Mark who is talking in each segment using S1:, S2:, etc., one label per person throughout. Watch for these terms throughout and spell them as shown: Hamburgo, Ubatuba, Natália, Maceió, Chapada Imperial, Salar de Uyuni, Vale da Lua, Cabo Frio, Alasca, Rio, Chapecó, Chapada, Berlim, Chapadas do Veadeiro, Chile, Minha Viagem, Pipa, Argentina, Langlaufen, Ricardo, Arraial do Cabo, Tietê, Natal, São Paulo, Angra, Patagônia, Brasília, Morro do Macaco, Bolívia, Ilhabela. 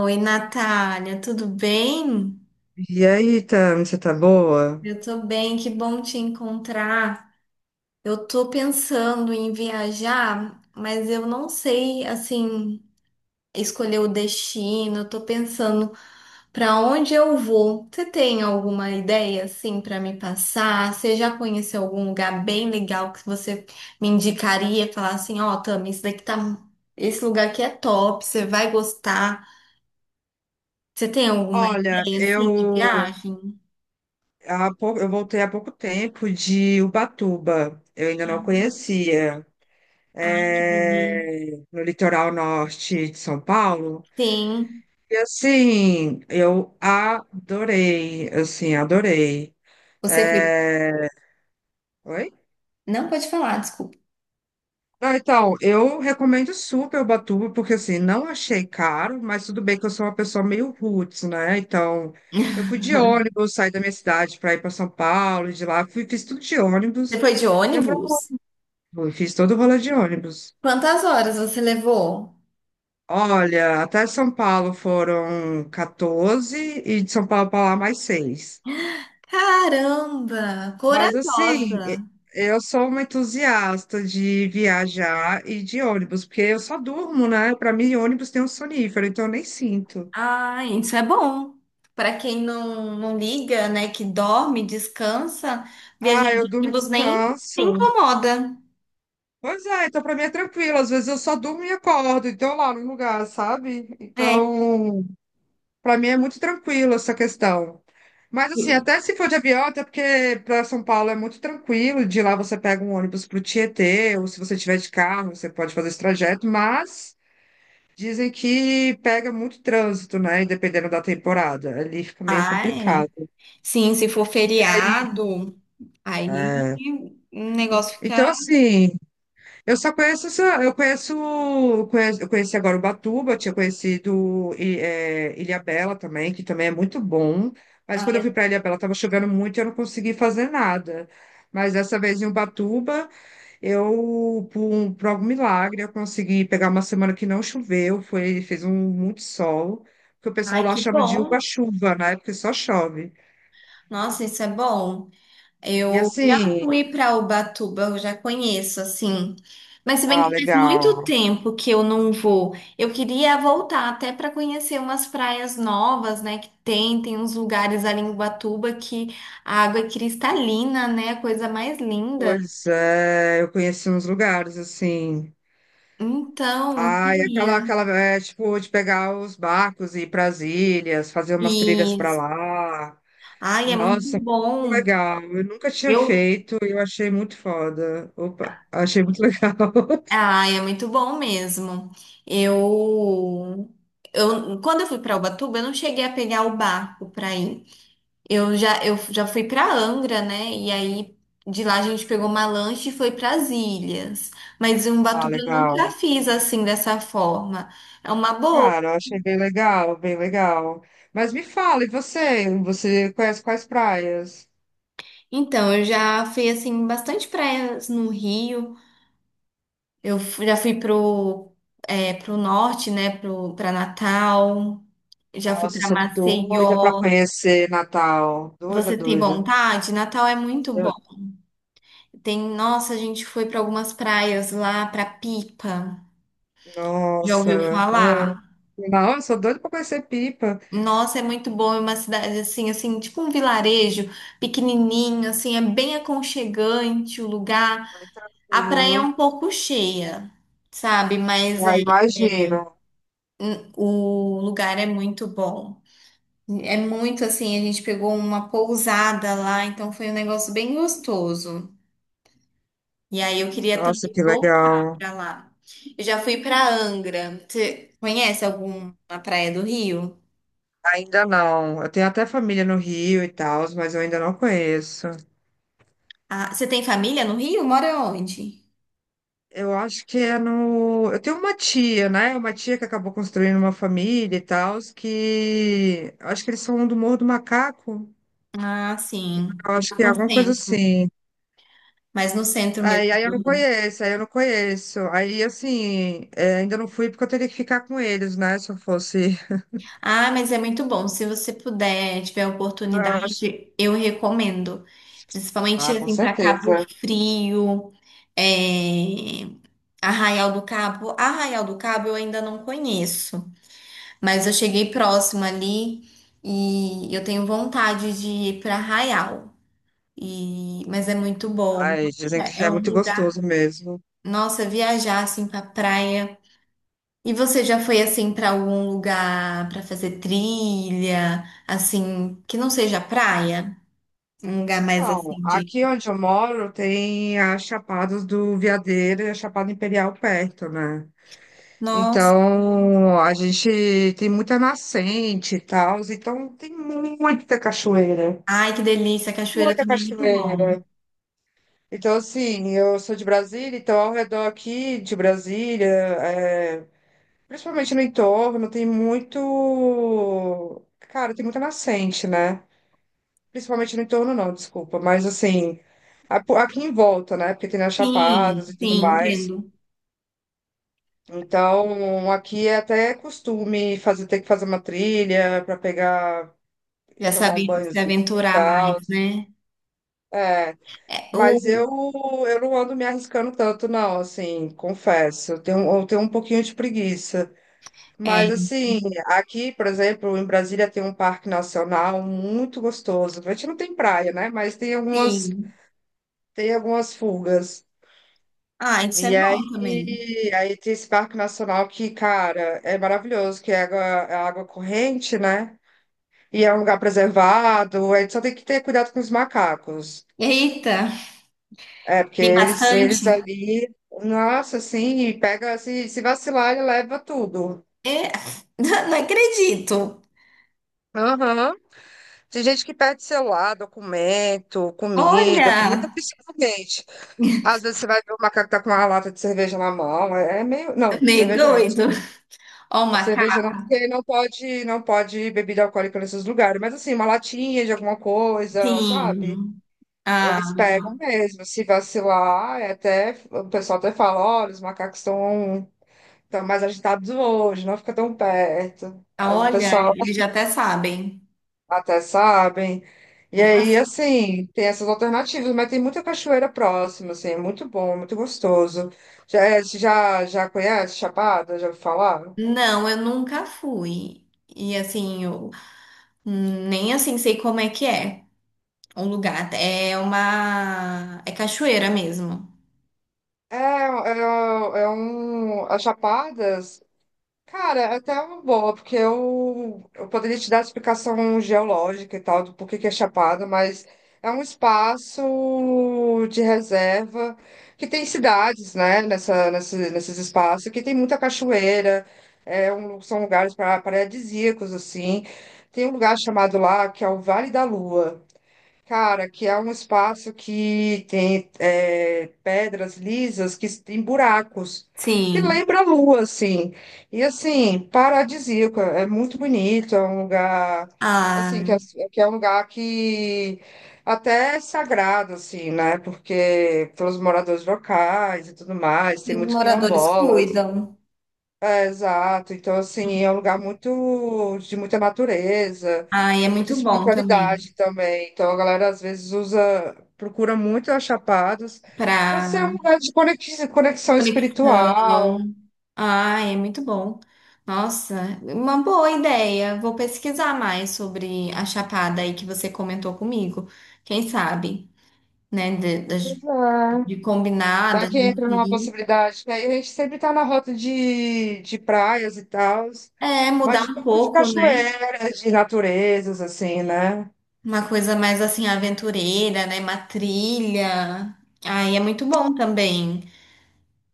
S1: Oi, Natália, tudo bem?
S2: E aí, Tami, você tá boa?
S1: Eu tô bem, que bom te encontrar. Eu tô pensando em viajar, mas eu não sei, assim, escolher o destino. Eu tô pensando para onde eu vou. Você tem alguma ideia, assim, para me passar? Você já conheceu algum lugar bem legal que você me indicaria? Falar assim, ó, Tami, isso daqui tá... Esse lugar aqui é top, você vai gostar. Você tem alguma
S2: Olha,
S1: ideia, assim, de viagem?
S2: eu voltei há pouco tempo de Ubatuba, eu ainda não conhecia,
S1: Ai, que delícia.
S2: é, no litoral norte de São Paulo.
S1: Sim.
S2: E assim, eu adorei, assim, adorei.
S1: Você foi.
S2: É. Oi?
S1: Não pode falar, desculpa.
S2: Ah, então, eu recomendo super Ubatuba, porque assim, não achei caro, mas tudo bem que eu sou uma pessoa meio roots, né? Então, eu fui de ônibus, saí da minha cidade para ir para São Paulo, e de lá, fui, fiz tudo de
S1: Você
S2: ônibus,
S1: foi de
S2: demorou,
S1: ônibus?
S2: fiz todo o rolê de ônibus.
S1: Quantas horas você levou?
S2: Olha, até São Paulo foram 14 e de São Paulo para lá mais seis.
S1: Caramba,
S2: Mas assim,
S1: corajosa.
S2: eu sou uma entusiasta de viajar e de ônibus, porque eu só durmo, né? Para mim, ônibus tem um sonífero, então eu nem sinto.
S1: Ah, isso é bom. Para quem não liga, né, que dorme, descansa, viajar
S2: Ah, eu
S1: de
S2: durmo e
S1: ônibus nem, nem
S2: descanso.
S1: incomoda.
S2: Pois é, então para mim é tranquilo. Às vezes eu só durmo e acordo, então lá no lugar, sabe?
S1: É.
S2: Então, para mim é muito tranquilo essa questão. Mas assim, até se for de avião, até porque para São Paulo é muito tranquilo, de lá você pega um ônibus para o Tietê, ou se você tiver de carro, você pode fazer esse trajeto, mas dizem que pega muito trânsito, né? E dependendo da temporada, ali fica meio
S1: Ah, é.
S2: complicado.
S1: Sim, se for feriado, aí
S2: É.
S1: o negócio
S2: Então,
S1: fica.
S2: assim, eu só conheço, eu conheci agora Ubatuba, tinha conhecido Ilhabela também, que também é muito bom. Mas quando eu fui para Ilhabela estava chovendo muito e eu não consegui fazer nada. Mas dessa vez em Ubatuba, eu por algum milagre, eu consegui pegar uma semana que não choveu, fez um muito sol, que o pessoal
S1: Ai,
S2: lá
S1: que
S2: chama de
S1: bom.
S2: uba-chuva, né? Porque só chove.
S1: Nossa, isso é bom.
S2: E
S1: Eu já
S2: assim,
S1: fui para Ubatuba, eu já conheço, assim. Mas se bem
S2: ah,
S1: que faz muito
S2: legal.
S1: tempo que eu não vou. Eu queria voltar até para conhecer umas praias novas, né? Que tem uns lugares ali em Ubatuba que a água é cristalina, né? A coisa mais linda.
S2: Pois é, eu conheci uns lugares assim.
S1: Então, eu
S2: Ai,
S1: queria.
S2: aquela, é, tipo, de pegar os barcos e ir para as ilhas, fazer umas trilhas para
S1: Isso.
S2: lá.
S1: Ai, é muito
S2: Nossa, muito
S1: bom.
S2: legal. Eu nunca tinha
S1: Eu.
S2: feito e eu achei muito foda. Opa, achei muito legal.
S1: Ai, é muito bom mesmo. Eu. Eu, quando eu fui para Ubatuba, eu não cheguei a pegar o barco para ir. Eu já fui pra Angra, né? E aí de lá a gente pegou uma lancha e foi pras ilhas. Mas em
S2: Ah,
S1: Ubatuba eu nunca
S2: legal.
S1: fiz assim dessa forma. É uma boa.
S2: Cara, eu achei bem legal, bem legal. Mas me fala, e você? Você conhece quais praias?
S1: Então, eu já fui assim bastante praias no Rio. Já fui pro pro norte, né, pro para Natal. Já fui
S2: Nossa, eu
S1: pra
S2: sou doida para
S1: Maceió.
S2: conhecer Natal. Doida,
S1: Você tem
S2: doida.
S1: vontade? Natal é muito bom.
S2: Eu-
S1: Tem, nossa, a gente foi pra algumas praias lá, pra Pipa. Já ouviu
S2: Nossa.
S1: falar?
S2: Ah. Não, eu sou doida para conhecer Pipa.
S1: Nossa, é muito bom, é uma cidade assim, tipo um vilarejo pequenininho, assim, é bem aconchegante o lugar.
S2: Mais
S1: A praia é
S2: tranquilo.
S1: um pouco cheia, sabe?
S2: Ah,
S1: É-
S2: imagino.
S1: o lugar é muito bom. É muito assim, a gente pegou uma pousada lá, então foi um negócio bem gostoso. E aí eu queria
S2: Nossa,
S1: também
S2: que
S1: voltar
S2: legal.
S1: pra lá. Eu já fui pra Angra. Você conhece alguma praia do Rio?
S2: Ainda não. Eu tenho até família no Rio e tal, mas eu ainda não conheço.
S1: Ah, você tem família no Rio? Mora onde?
S2: Eu acho que é no. Eu tenho uma tia, né? Uma tia que acabou construindo uma família e tal, que. Acho que eles são do Morro do Macaco.
S1: Ah, sim.
S2: Eu acho
S1: Lá
S2: que é
S1: no
S2: alguma coisa
S1: centro,
S2: assim.
S1: mas no centro mesmo
S2: Aí eu não
S1: do Rio.
S2: conheço, aí eu não conheço. Aí, assim, é, ainda não fui porque eu teria que ficar com eles, né? Se eu fosse.
S1: Ah, mas é muito bom. Se você puder, tiver a
S2: Eu acho-
S1: oportunidade, eu recomendo.
S2: Ah,
S1: Principalmente
S2: com
S1: assim para Cabo
S2: certeza.
S1: Frio, é, Arraial do Cabo. Arraial do Cabo eu ainda não conheço, mas eu cheguei próximo ali e eu tenho vontade de ir para Arraial. E... Mas é muito bom.
S2: Ai, dizem
S1: É
S2: que
S1: é
S2: é
S1: um
S2: muito
S1: lugar.
S2: gostoso mesmo.
S1: Nossa, viajar assim para praia. E você já foi assim pra algum lugar pra fazer trilha, assim, que não seja praia? Um lugar mais
S2: Então,
S1: assim de,
S2: aqui onde eu moro tem as Chapadas do Veadeiro e a Chapada Imperial perto, né?
S1: nossa,
S2: Então, a gente tem muita nascente e tal, então tem muita cachoeira,
S1: ai que delícia, a cachoeira
S2: muita
S1: também é muito
S2: cachoeira.
S1: bom.
S2: Então, assim, eu sou de Brasília, então ao redor aqui de Brasília, é, principalmente no entorno, tem muito. Cara, tem muita nascente, né? Principalmente no entorno, não, desculpa. Mas assim, aqui em volta, né? Porque tem as
S1: Sim,
S2: chapadas e tudo
S1: sim,
S2: mais.
S1: entendo.
S2: Então, aqui é até costume fazer, ter que fazer uma trilha para pegar e
S1: Já
S2: tomar um
S1: saber se
S2: banhozinho e
S1: aventurar mais,
S2: tal.
S1: né?
S2: É,
S1: É,
S2: mas
S1: o,
S2: eu, não ando me arriscando tanto, não, assim, confesso. Eu tenho um pouquinho de preguiça.
S1: é,
S2: Mas, assim, aqui, por exemplo, em Brasília tem um parque nacional muito gostoso. A gente não tem praia, né? Mas
S1: sim.
S2: tem algumas fugas.
S1: Ah, isso é
S2: E
S1: bom também.
S2: aí, aí tem esse parque nacional que, cara, é maravilhoso, que é água corrente, né? E é um lugar preservado, a gente só tem que ter cuidado com os macacos.
S1: Eita,
S2: É, porque
S1: tem
S2: eles
S1: bastante?
S2: ali, nossa, assim, e pega, se vacilar, ele leva tudo.
S1: É, não acredito.
S2: Aham. Tem gente que perde celular, documento, comida, comida
S1: Olha,
S2: principalmente. Às vezes você vai ver o macaco tá com uma lata de cerveja na mão, é meio... Não,
S1: meio
S2: cerveja não,
S1: doido. Ó, o
S2: cerveja
S1: macaco.
S2: não, porque não pode, não pode bebida alcoólica nesses lugares. Mas assim, uma latinha de alguma coisa, sabe?
S1: Sim. Ah,
S2: Eles pegam
S1: legal.
S2: mesmo. Se vacilar, é até, o pessoal até fala, olha, os macacos estão mais agitados hoje, não fica tão perto.
S1: Ah,
S2: Aí o
S1: olha,
S2: pessoal
S1: eles já até sabem.
S2: até sabem. E aí,
S1: As-
S2: assim, tem essas alternativas, mas tem muita cachoeira próxima, assim, é muito bom, muito gostoso. Já conhece Chapada? Já ouviu falar?
S1: não, eu nunca fui. E assim, eu nem assim sei como é que é o lugar. É uma. É cachoeira mesmo.
S2: É, é, é um. As Chapadas, cara, é até uma boa, porque eu, poderia te dar a explicação geológica e tal, do porquê que é Chapada, mas é um espaço de reserva que tem cidades, né, nesses espaços, que tem muita cachoeira, é um, são lugares para paradisíacos, assim. Tem um lugar chamado lá que é o Vale da Lua. Cara, que é um espaço que tem é, pedras lisas que tem buracos, que
S1: Sim.
S2: lembra a lua, assim. E assim, paradisíaco, é muito bonito, é um lugar, assim,
S1: Ah,
S2: que é um lugar que até é sagrado, assim, né? Porque pelos moradores locais e tudo mais,
S1: e
S2: tem
S1: os
S2: muitos
S1: moradores
S2: quilombolas.
S1: cuidam.
S2: Exato. Então, assim, é um lugar muito de muita natureza
S1: Ai, é
S2: e muita
S1: muito bom também.
S2: espiritualidade também. Então, a galera às vezes usa, procura muito as Chapadas para ser um
S1: Pra
S2: lugar de conexão espiritual.
S1: conexão. Ah, é muito bom. Nossa, uma boa ideia. Vou pesquisar mais sobre a Chapada aí que você comentou comigo. Quem sabe? Né? De,
S2: Pois
S1: das-
S2: é.
S1: de combinar,
S2: Vai
S1: da
S2: que
S1: gente
S2: entra numa
S1: ir.
S2: possibilidade, que aí a gente sempre tá na rota de, praias e tal,
S1: É,
S2: mas
S1: mudar
S2: de
S1: um
S2: pouco de
S1: pouco, né?
S2: cachoeiras, de naturezas, assim, né?
S1: Uma coisa mais assim, aventureira, né? Uma trilha. Aí é muito bom também.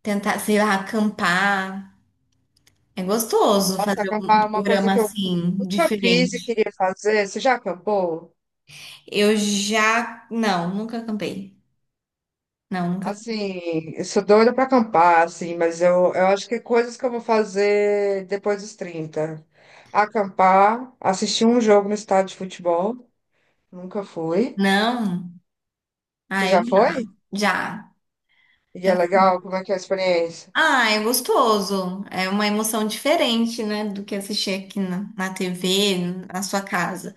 S1: Tentar, sei lá, acampar. É gostoso
S2: Nossa,
S1: fazer um
S2: acampar é uma coisa
S1: programa
S2: que eu
S1: assim,
S2: nunca fiz e
S1: diferente.
S2: queria fazer. Você já acampou?
S1: Eu já. Não, nunca acampei. Não, nunca.
S2: Assim, eu sou doida pra acampar, assim, mas eu, acho que coisas que eu vou fazer depois dos 30, acampar, assistir um jogo no estádio de futebol, nunca fui.
S1: Não.
S2: Você
S1: Ah, eu
S2: já foi?
S1: já.
S2: E é
S1: Já.
S2: legal, como é que é a experiência?
S1: Ah, é gostoso. É uma emoção diferente, né? Do que assistir aqui na TV, na sua casa.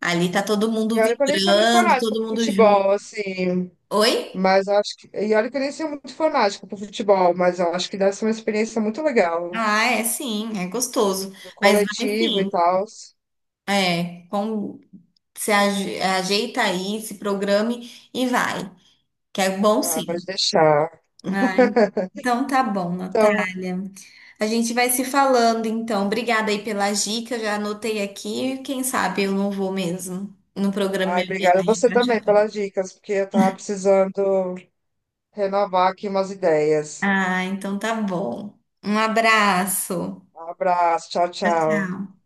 S1: Ali tá todo
S2: E
S1: mundo
S2: olha que eu nem sou muito
S1: vibrando,
S2: fanática
S1: todo
S2: pro
S1: mundo junto.
S2: futebol, assim,
S1: Oi?
S2: mas eu acho que... E olha que eu nem sou muito fanática pro futebol, mas eu acho que deve ser uma experiência muito legal,
S1: Ah, é sim, é gostoso.
S2: do
S1: Mas vai
S2: coletivo e
S1: sim,
S2: tal.
S1: é. Com, se ajeita aí, se programe e vai. Que é bom
S2: Ah,
S1: sim.
S2: pode deixar.
S1: Ah, então tá bom,
S2: Então,
S1: Natália. A gente vai se falando, então. Obrigada aí pelas dicas, já anotei aqui. Quem sabe eu não vou mesmo no programa
S2: ai,
S1: Minha
S2: obrigada
S1: Viagem
S2: você
S1: pra
S2: também
S1: Chapecó.
S2: pelas dicas, porque eu tava precisando renovar aqui umas ideias.
S1: Ah, então tá bom. Um abraço.
S2: Um abraço, tchau,
S1: Tchau,
S2: tchau.
S1: tchau.